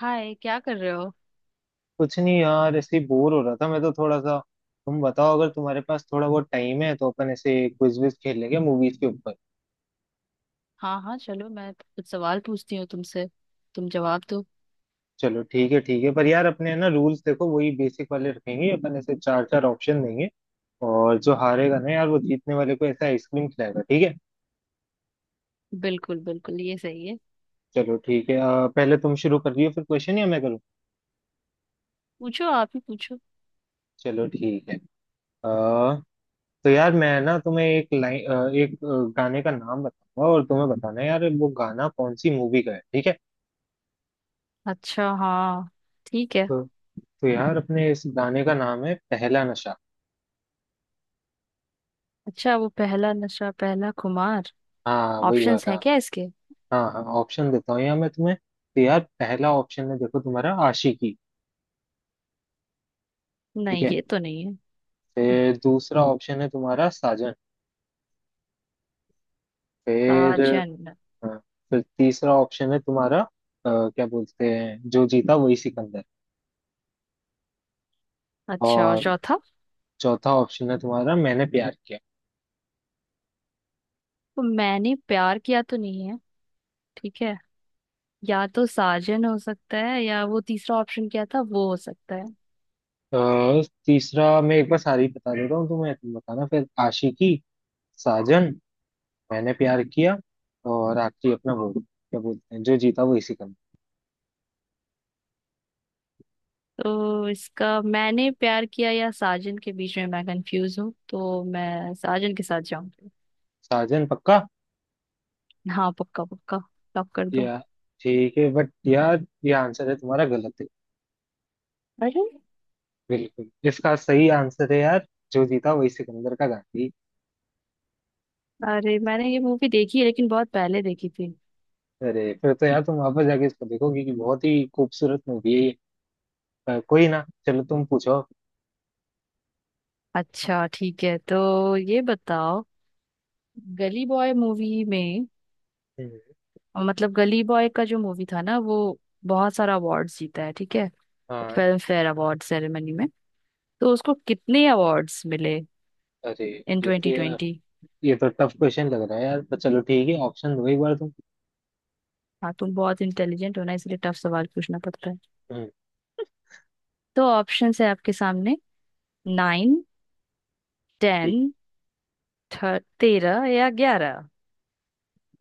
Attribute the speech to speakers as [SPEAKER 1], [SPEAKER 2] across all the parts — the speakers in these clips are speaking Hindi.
[SPEAKER 1] हाय क्या कर रहे हो।
[SPEAKER 2] कुछ नहीं यार, ऐसे बोर हो रहा था मैं तो थोड़ा सा। तुम बताओ, अगर तुम्हारे पास थोड़ा बहुत टाइम है तो अपन ऐसे क्विज विज खेल लेंगे मूवीज के ऊपर।
[SPEAKER 1] हाँ हाँ चलो मैं कुछ सवाल पूछती हूँ तुमसे। तुम जवाब दो।
[SPEAKER 2] चलो ठीक है, ठीक है, पर यार अपने है ना रूल्स, देखो वही बेसिक वाले रखेंगे अपन, ऐसे चार चार ऑप्शन देंगे। और जो हारेगा ना यार, वो जीतने वाले को ऐसा आइसक्रीम खिलाएगा, ठीक है।
[SPEAKER 1] बिल्कुल बिल्कुल ये सही है।
[SPEAKER 2] चलो ठीक है। पहले तुम शुरू कर रही हो फिर क्वेश्चन या मैं करूँ?
[SPEAKER 1] पूछो आप ही पूछो।
[SPEAKER 2] चलो ठीक है। आ, तो यार मैं ना तुम्हें एक लाइन एक गाने का नाम बताऊंगा, और तुम्हें बताना है यार वो गाना कौन सी मूवी का है, ठीक है।
[SPEAKER 1] अच्छा हाँ। ठीक है।
[SPEAKER 2] तो तो यार अपने इस गाने का नाम है पहला नशा।
[SPEAKER 1] अच्छा वो पहला नशा पहला खुमार।
[SPEAKER 2] हाँ वही
[SPEAKER 1] ऑप्शंस है
[SPEAKER 2] वाला।
[SPEAKER 1] क्या इसके।
[SPEAKER 2] हाँ हाँ, ऑप्शन देता हूँ यार मैं तुम्हें, तो यार पहला ऑप्शन है देखो तुम्हारा, आशिकी। ठीक
[SPEAKER 1] नहीं
[SPEAKER 2] है।
[SPEAKER 1] ये तो नहीं है।
[SPEAKER 2] फिर दूसरा ऑप्शन है तुम्हारा, साजन। फिर
[SPEAKER 1] साजन।
[SPEAKER 2] हाँ, फिर तीसरा ऑप्शन है तुम्हारा क्या बोलते हैं, जो जीता वही सिकंदर।
[SPEAKER 1] अच्छा और
[SPEAKER 2] और
[SPEAKER 1] चौथा।
[SPEAKER 2] चौथा ऑप्शन है तुम्हारा, मैंने प्यार किया।
[SPEAKER 1] वो मैंने प्यार किया तो नहीं है। ठीक है। या तो साजन हो सकता है या वो तीसरा ऑप्शन क्या था वो हो सकता है।
[SPEAKER 2] तीसरा, मैं एक बार सारी बता देता हूँ तुम्हें, तुम बताना फिर। आशिकी, साजन, मैंने प्यार किया, और आखिरी अपना वोट क्या बोलते हैं, जो जीता वो इसी का।
[SPEAKER 1] तो इसका मैंने प्यार किया या साजन के बीच में मैं कंफ्यूज हूँ तो मैं साजन के साथ जाऊंगी।
[SPEAKER 2] साजन पक्का।
[SPEAKER 1] हाँ पक्का पक्का। लॉक कर दो।
[SPEAKER 2] या ठीक है, बट यार ये आंसर है तुम्हारा गलत है।
[SPEAKER 1] अरे।
[SPEAKER 2] बिल्कुल, इसका सही आंसर है यार, जो जीता वही सिकंदर का गांधी।
[SPEAKER 1] अरे मैंने ये मूवी देखी है लेकिन बहुत पहले देखी थी।
[SPEAKER 2] अरे, फिर तो यार तुम वापस जाके इसको देखोगे कि बहुत ही खूबसूरत मूवी है ये। कोई ना, चलो तुम पूछो।
[SPEAKER 1] अच्छा ठीक है तो ये बताओ। गली बॉय मूवी में।
[SPEAKER 2] हम्म,
[SPEAKER 1] मतलब गली बॉय का जो मूवी था ना वो बहुत सारा अवार्ड्स जीता है। ठीक है।
[SPEAKER 2] हाँ।
[SPEAKER 1] फिल्म फेयर अवार्ड सेरेमनी में तो उसको कितने अवार्ड्स मिले
[SPEAKER 2] अरे
[SPEAKER 1] इन
[SPEAKER 2] ये तो
[SPEAKER 1] ट्वेंटी
[SPEAKER 2] यार,
[SPEAKER 1] ट्वेंटी
[SPEAKER 2] ये तो टफ क्वेश्चन लग रहा है यार, पर चलो ठीक है, ऑप्शन दो एक बार तुम।
[SPEAKER 1] हाँ तुम बहुत इंटेलिजेंट हो ना इसलिए टफ सवाल पूछना पड़ता है।
[SPEAKER 2] हम्म,
[SPEAKER 1] तो ऑप्शंस है आपके सामने। 9। 10। 13 या 11।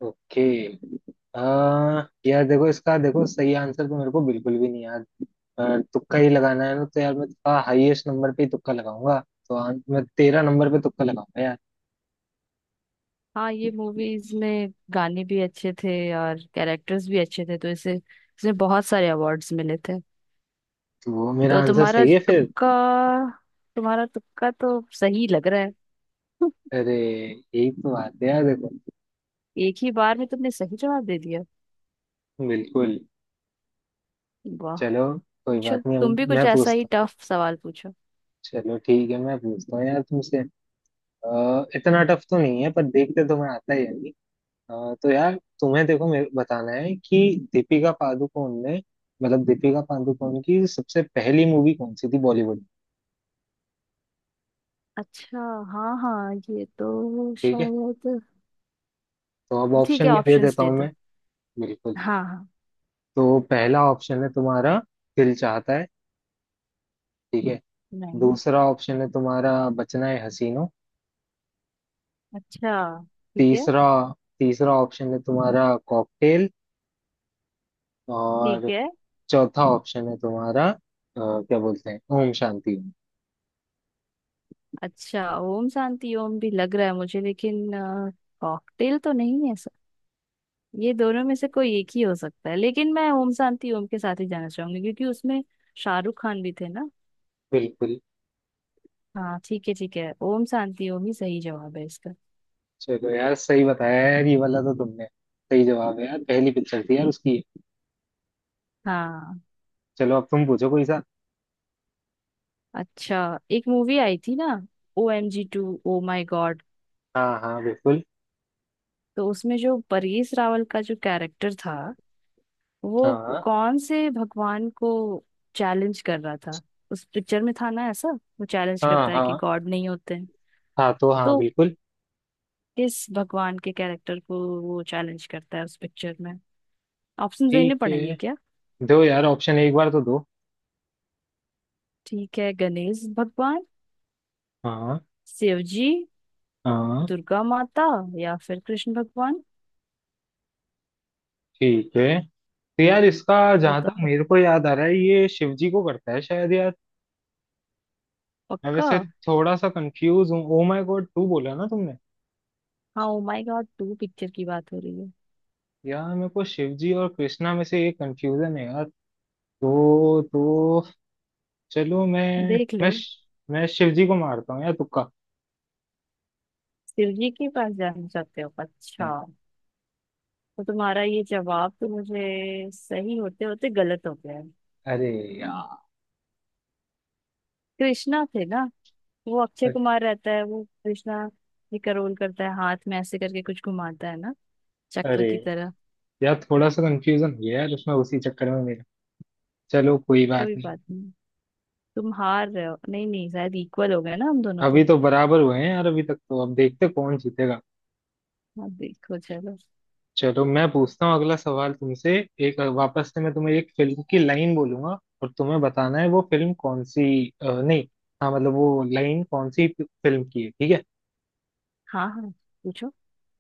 [SPEAKER 2] ओके। आ, यार देखो इसका, देखो सही आंसर तो मेरे को बिल्कुल भी नहीं याद, पर तुक्का ही लगाना है ना, तो यार मैं थोड़ा हाईएस्ट नंबर पे ही तुक्का लगाऊंगा। तो मैं 13 नंबर पे तुक्का लगाऊंगा यार।
[SPEAKER 1] हाँ ये मूवीज में गाने भी अच्छे थे और कैरेक्टर्स भी अच्छे थे तो इसे इसने बहुत सारे अवार्ड्स मिले थे।
[SPEAKER 2] तो मेरा
[SPEAKER 1] तो
[SPEAKER 2] आंसर
[SPEAKER 1] तुम्हारा
[SPEAKER 2] सही है फिर?
[SPEAKER 1] तुक्का। तुम्हारा तुक्का तो सही लग रहा है।
[SPEAKER 2] अरे यही तो बात है यार देखो।
[SPEAKER 1] एक ही बार में तुमने सही जवाब दे दिया।
[SPEAKER 2] बिल्कुल।
[SPEAKER 1] वाह।
[SPEAKER 2] चलो कोई
[SPEAKER 1] पूछो
[SPEAKER 2] बात नहीं,
[SPEAKER 1] तुम
[SPEAKER 2] अब
[SPEAKER 1] भी कुछ
[SPEAKER 2] मैं
[SPEAKER 1] ऐसा ही
[SPEAKER 2] पूछता हूँ।
[SPEAKER 1] टफ सवाल पूछो।
[SPEAKER 2] चलो ठीक है, मैं पूछता हूँ यार तुमसे। इतना टफ तो नहीं है पर देखते तो मैं आता ही है। हाँ, तो यार तुम्हें देखो मेरे को बताना है कि दीपिका पादुकोण ने, मतलब दीपिका पादुकोण की सबसे पहली मूवी कौन सी थी बॉलीवुड में।
[SPEAKER 1] अच्छा। हाँ हाँ ये तो
[SPEAKER 2] ठीक है,
[SPEAKER 1] शायद।
[SPEAKER 2] तो अब
[SPEAKER 1] ठीक है
[SPEAKER 2] ऑप्शन भी दे
[SPEAKER 1] ऑप्शंस
[SPEAKER 2] देता
[SPEAKER 1] दे
[SPEAKER 2] हूँ
[SPEAKER 1] दो।
[SPEAKER 2] मैं, बिल्कुल।
[SPEAKER 1] हाँ हाँ।
[SPEAKER 2] तो पहला ऑप्शन है तुम्हारा, दिल चाहता है। ठीक है।
[SPEAKER 1] नाइन।
[SPEAKER 2] दूसरा ऑप्शन है तुम्हारा, बचना है हसीनो।
[SPEAKER 1] अच्छा। ठीक है।
[SPEAKER 2] तीसरा तीसरा ऑप्शन है तुम्हारा, कॉकटेल।
[SPEAKER 1] ठीक
[SPEAKER 2] और
[SPEAKER 1] है।
[SPEAKER 2] चौथा ऑप्शन है तुम्हारा क्या बोलते हैं, ओम शांति ओम।
[SPEAKER 1] अच्छा ओम शांति ओम भी लग रहा है मुझे लेकिन कॉकटेल तो नहीं है सर। ये दोनों में से कोई एक ही हो सकता है लेकिन मैं ओम शांति ओम के साथ ही जाना चाहूंगी क्योंकि उसमें शाहरुख खान भी थे ना।
[SPEAKER 2] बिल्कुल।
[SPEAKER 1] हाँ ठीक है ओम शांति ओम ही सही जवाब है इसका।
[SPEAKER 2] चलो यार सही बताया यार, ये वाला तो तुमने सही जवाब है यार, पहली पिक्चर थी यार उसकी।
[SPEAKER 1] हाँ।
[SPEAKER 2] चलो अब तुम पूछो कोई सा।
[SPEAKER 1] अच्छा एक मूवी आई थी ना। OMG 2 O my God.
[SPEAKER 2] हाँ हाँ बिल्कुल।
[SPEAKER 1] तो उसमें जो परेश रावल का जो कैरेक्टर था वो
[SPEAKER 2] हाँ
[SPEAKER 1] कौन से भगवान को चैलेंज कर रहा था। उस पिक्चर में था ना ऐसा। वो चैलेंज
[SPEAKER 2] हाँ।
[SPEAKER 1] करता है कि
[SPEAKER 2] हाँ
[SPEAKER 1] गॉड नहीं होते हैं।
[SPEAKER 2] हाँ तो हाँ
[SPEAKER 1] तो
[SPEAKER 2] बिल्कुल।
[SPEAKER 1] किस भगवान के कैरेक्टर को वो चैलेंज करता है उस पिक्चर में। ऑप्शन देने
[SPEAKER 2] ठीक
[SPEAKER 1] पड़ेंगे
[SPEAKER 2] है,
[SPEAKER 1] क्या।
[SPEAKER 2] दो यार ऑप्शन एक बार तो दो।
[SPEAKER 1] ठीक है। गणेश भगवान।
[SPEAKER 2] हाँ
[SPEAKER 1] शिव जी।
[SPEAKER 2] हाँ।
[SPEAKER 1] दुर्गा माता। या फिर कृष्ण भगवान।
[SPEAKER 2] ठीक है। तो यार इसका जहां तक
[SPEAKER 1] बता।
[SPEAKER 2] मेरे को याद आ रहा है, ये शिव जी को करता है शायद यार। मैं
[SPEAKER 1] पक्का।
[SPEAKER 2] वैसे थोड़ा सा कंफ्यूज हूँ, ओ माय गॉड टू बोला ना तुमने?
[SPEAKER 1] हाँ ओ माय गॉड 2 पिक्चर की बात हो रही है।
[SPEAKER 2] यार मेरे को शिव जी और कृष्णा में से एक कंफ्यूजन है यार। तो चलो मैं
[SPEAKER 1] देख लो।
[SPEAKER 2] मैं मैं शिव जी को मारता हूँ यार, तुक्का
[SPEAKER 1] शिव जी के पास जाना चाहते हो
[SPEAKER 2] मारता
[SPEAKER 1] अच्छा।
[SPEAKER 2] हूँ।
[SPEAKER 1] तो तुम्हारा ये जवाब तो मुझे सही होते होते गलत हो गया है।
[SPEAKER 2] अरे यार
[SPEAKER 1] कृष्णा थे ना। वो अक्षय कुमार रहता है वो कृष्णा। ये करोल करता है हाथ में ऐसे करके कुछ घुमाता है ना। चक्र
[SPEAKER 2] अरे
[SPEAKER 1] की तरह।
[SPEAKER 2] यार थोड़ा सा कंफ्यूजन हो गया यार, उसमें उसी चक्कर में मेरा। चलो कोई बात
[SPEAKER 1] कोई
[SPEAKER 2] नहीं।
[SPEAKER 1] बात नहीं। तुम हार रहे हो नहीं नहीं शायद इक्वल हो गए ना हम दोनों तो।
[SPEAKER 2] अभी तो बराबर हुए हैं यार अभी तक तो, अब देखते कौन जीतेगा।
[SPEAKER 1] हाँ देखो चलो।
[SPEAKER 2] चलो मैं पूछता हूँ अगला सवाल तुमसे। एक वापस से मैं तुम्हें एक फिल्म की लाइन बोलूंगा, और तुम्हें बताना है वो फिल्म कौन सी। नहीं, हाँ मतलब वो लाइन कौन सी फिल्म की है, ठीक है।
[SPEAKER 1] हाँ हाँ पूछो।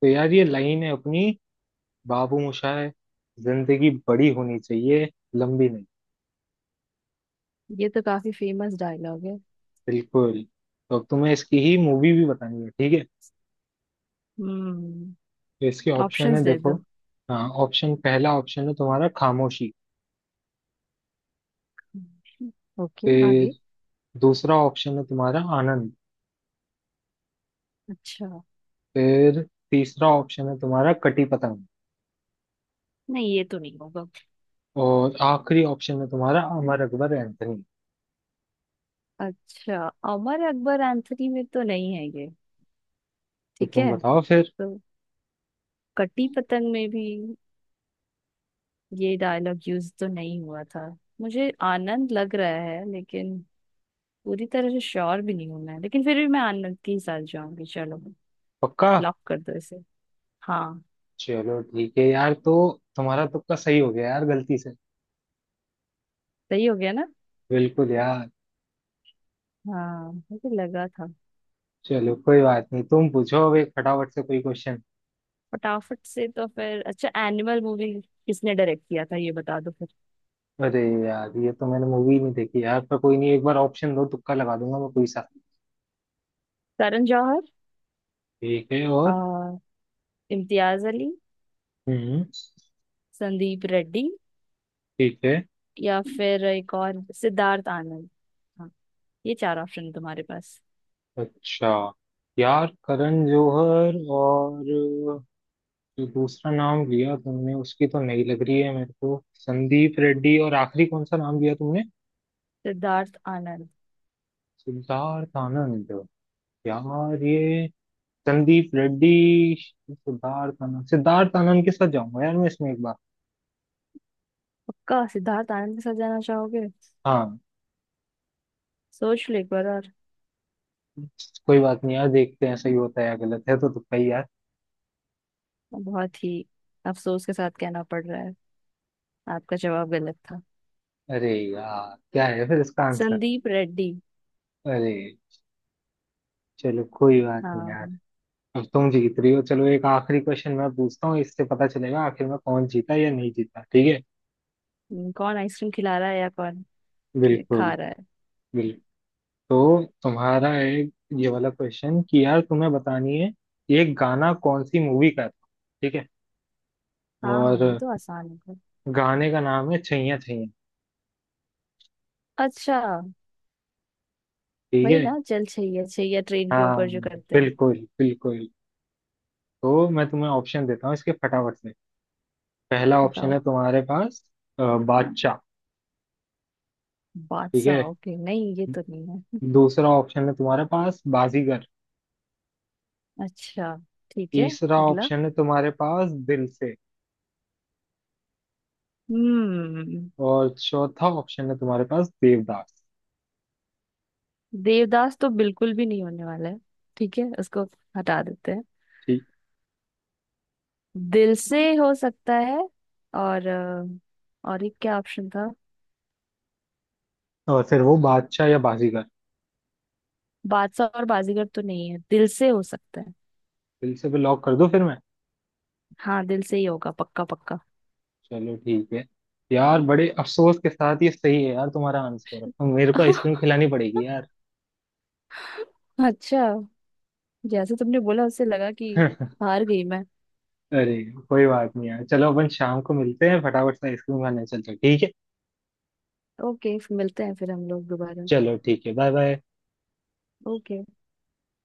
[SPEAKER 2] तो यार ये लाइन है अपनी, बाबू मोशाय जिंदगी बड़ी होनी चाहिए, लंबी नहीं।
[SPEAKER 1] ये तो काफी फेमस डायलॉग है।
[SPEAKER 2] बिल्कुल। तो अब तुम्हें इसकी ही मूवी भी बतानी है, ठीक है।
[SPEAKER 1] हम्म।
[SPEAKER 2] तो इसके ऑप्शन
[SPEAKER 1] ऑप्शंस
[SPEAKER 2] है
[SPEAKER 1] दे
[SPEAKER 2] देखो।
[SPEAKER 1] दो।
[SPEAKER 2] हाँ ऑप्शन, पहला ऑप्शन है तुम्हारा, खामोशी।
[SPEAKER 1] ओके आगे।
[SPEAKER 2] फिर दूसरा ऑप्शन है तुम्हारा, आनंद।
[SPEAKER 1] अच्छा।
[SPEAKER 2] फिर तीसरा ऑप्शन है तुम्हारा, कटी पतंग।
[SPEAKER 1] नहीं ये तो नहीं होगा।
[SPEAKER 2] और आखिरी ऑप्शन है तुम्हारा, अमर अकबर एंथनी।
[SPEAKER 1] अच्छा। अमर अकबर एंथनी में तो नहीं है ये।
[SPEAKER 2] तो
[SPEAKER 1] ठीक
[SPEAKER 2] तुम
[SPEAKER 1] है।
[SPEAKER 2] बताओ फिर।
[SPEAKER 1] तो कटी पतंग में भी ये डायलॉग यूज तो नहीं हुआ था। मुझे आनंद लग रहा है लेकिन पूरी तरह से श्योर भी नहीं हूं मैं लेकिन फिर भी मैं आनंद के ही साथ जाऊंगी चलो।
[SPEAKER 2] पक्का?
[SPEAKER 1] लॉक कर दो इसे। हाँ।
[SPEAKER 2] चलो ठीक है यार, तो तुम्हारा तुक्का सही हो गया यार गलती से।
[SPEAKER 1] सही हो गया ना।
[SPEAKER 2] बिल्कुल यार।
[SPEAKER 1] हाँ मुझे लगा था।
[SPEAKER 2] चलो कोई बात नहीं, तुम पूछो अब एक फटाफट से कोई क्वेश्चन।
[SPEAKER 1] फटाफट से तो फिर अच्छा एनिमल मूवी किसने डायरेक्ट किया था ये बता दो फिर।
[SPEAKER 2] अरे यार ये तो मैंने मूवी नहीं देखी यार, पर कोई नहीं एक बार ऑप्शन दो, तुक्का लगा दूंगा मैं कोई सा।
[SPEAKER 1] करण जौहर।
[SPEAKER 2] ठीक है। और
[SPEAKER 1] आ, इम्तियाज अली।
[SPEAKER 2] हम्म।
[SPEAKER 1] संदीप रेड्डी।
[SPEAKER 2] ठीक है।
[SPEAKER 1] या फिर एक और सिद्धार्थ आनंद। हाँ, ये चार ऑप्शन तुम्हारे पास।
[SPEAKER 2] अच्छा यार करण जौहर और जो दूसरा नाम लिया तुमने उसकी तो नहीं लग रही है मेरे को, संदीप रेड्डी और आखिरी कौन सा नाम लिया तुमने?
[SPEAKER 1] सिद्धार्थ आनंद।
[SPEAKER 2] सिद्धार्थ आनंद। यार ये संदीप रेड्डी, सिद्धार्थ आनंद के साथ जाऊंगा यार मैं इसमें एक बार।
[SPEAKER 1] पक्का सिद्धार्थ आनंद के साथ जाना चाहोगे।
[SPEAKER 2] हाँ
[SPEAKER 1] सोच लो एक बार और।
[SPEAKER 2] कोई बात नहीं यार, देखते हैं सही होता है या गलत है, तो तुक्का ही यार।
[SPEAKER 1] बहुत ही अफसोस के साथ कहना पड़ रहा है आपका जवाब गलत था।
[SPEAKER 2] अरे यार क्या है फिर इसका आंसर?
[SPEAKER 1] संदीप रेड्डी।
[SPEAKER 2] अरे, चलो कोई बात नहीं
[SPEAKER 1] हाँ।
[SPEAKER 2] यार, अब तुम जीत रही हो। चलो एक आखिरी क्वेश्चन मैं पूछता हूँ, इससे पता चलेगा आखिर में कौन जीता या नहीं जीता, ठीक है।
[SPEAKER 1] कौन आइसक्रीम खिला रहा है या कौन
[SPEAKER 2] बिल्कुल
[SPEAKER 1] खा रहा है।
[SPEAKER 2] बिल्कुल। तो तुम्हारा एक ये वाला क्वेश्चन कि यार तुम्हें बतानी है ये गाना कौन सी मूवी का था, ठीक है।
[SPEAKER 1] हाँ
[SPEAKER 2] और
[SPEAKER 1] हाँ ये तो आसान होगा।
[SPEAKER 2] गाने का नाम है छैया छैया।
[SPEAKER 1] अच्छा।
[SPEAKER 2] ठीक
[SPEAKER 1] वही
[SPEAKER 2] है।
[SPEAKER 1] ना चल छैया छैया ट्रेन के
[SPEAKER 2] हाँ
[SPEAKER 1] ऊपर जो करते हैं।
[SPEAKER 2] बिल्कुल बिल्कुल। तो मैं तुम्हें ऑप्शन देता हूँ इसके फटाफट से। पहला ऑप्शन
[SPEAKER 1] बताओ।
[SPEAKER 2] है तुम्हारे पास बादशाह। ठीक है।
[SPEAKER 1] बादशाह ओके नहीं ये तो नहीं है।
[SPEAKER 2] दूसरा ऑप्शन है तुम्हारे पास, बाजीगर।
[SPEAKER 1] अच्छा। ठीक है।
[SPEAKER 2] तीसरा
[SPEAKER 1] अगला।
[SPEAKER 2] ऑप्शन है तुम्हारे पास, दिल से।
[SPEAKER 1] हम्म।
[SPEAKER 2] और चौथा ऑप्शन है तुम्हारे पास, देवदास।
[SPEAKER 1] देवदास तो बिल्कुल भी नहीं होने वाला है। ठीक है उसको हटा देते हैं।
[SPEAKER 2] ठीक,
[SPEAKER 1] दिल से हो सकता है और और एक क्या ऑप्शन था।
[SPEAKER 2] और फिर वो बादशाह या बाजीगर?
[SPEAKER 1] बादशाह और बाजीगर तो नहीं है दिल से हो सकता है।
[SPEAKER 2] दिल से भी लॉक कर दो फिर मैं।
[SPEAKER 1] हाँ दिल से ही होगा पक्का पक्का।
[SPEAKER 2] चलो ठीक है यार, बड़े अफसोस के साथ ये सही है यार तुम्हारा आंसर, अब मेरे को आइसक्रीम खिलानी पड़ेगी यार।
[SPEAKER 1] अच्छा। जैसे तुमने बोला उससे लगा कि हार गई मैं।
[SPEAKER 2] अरे कोई बात नहीं यार, चलो अपन शाम को मिलते हैं फटाफट से आइसक्रीम खाने चलते हैं, ठीक है।
[SPEAKER 1] ओके मिलते हैं फिर हम लोग दोबारा।
[SPEAKER 2] चलो ठीक है, बाय बाय।
[SPEAKER 1] ओके।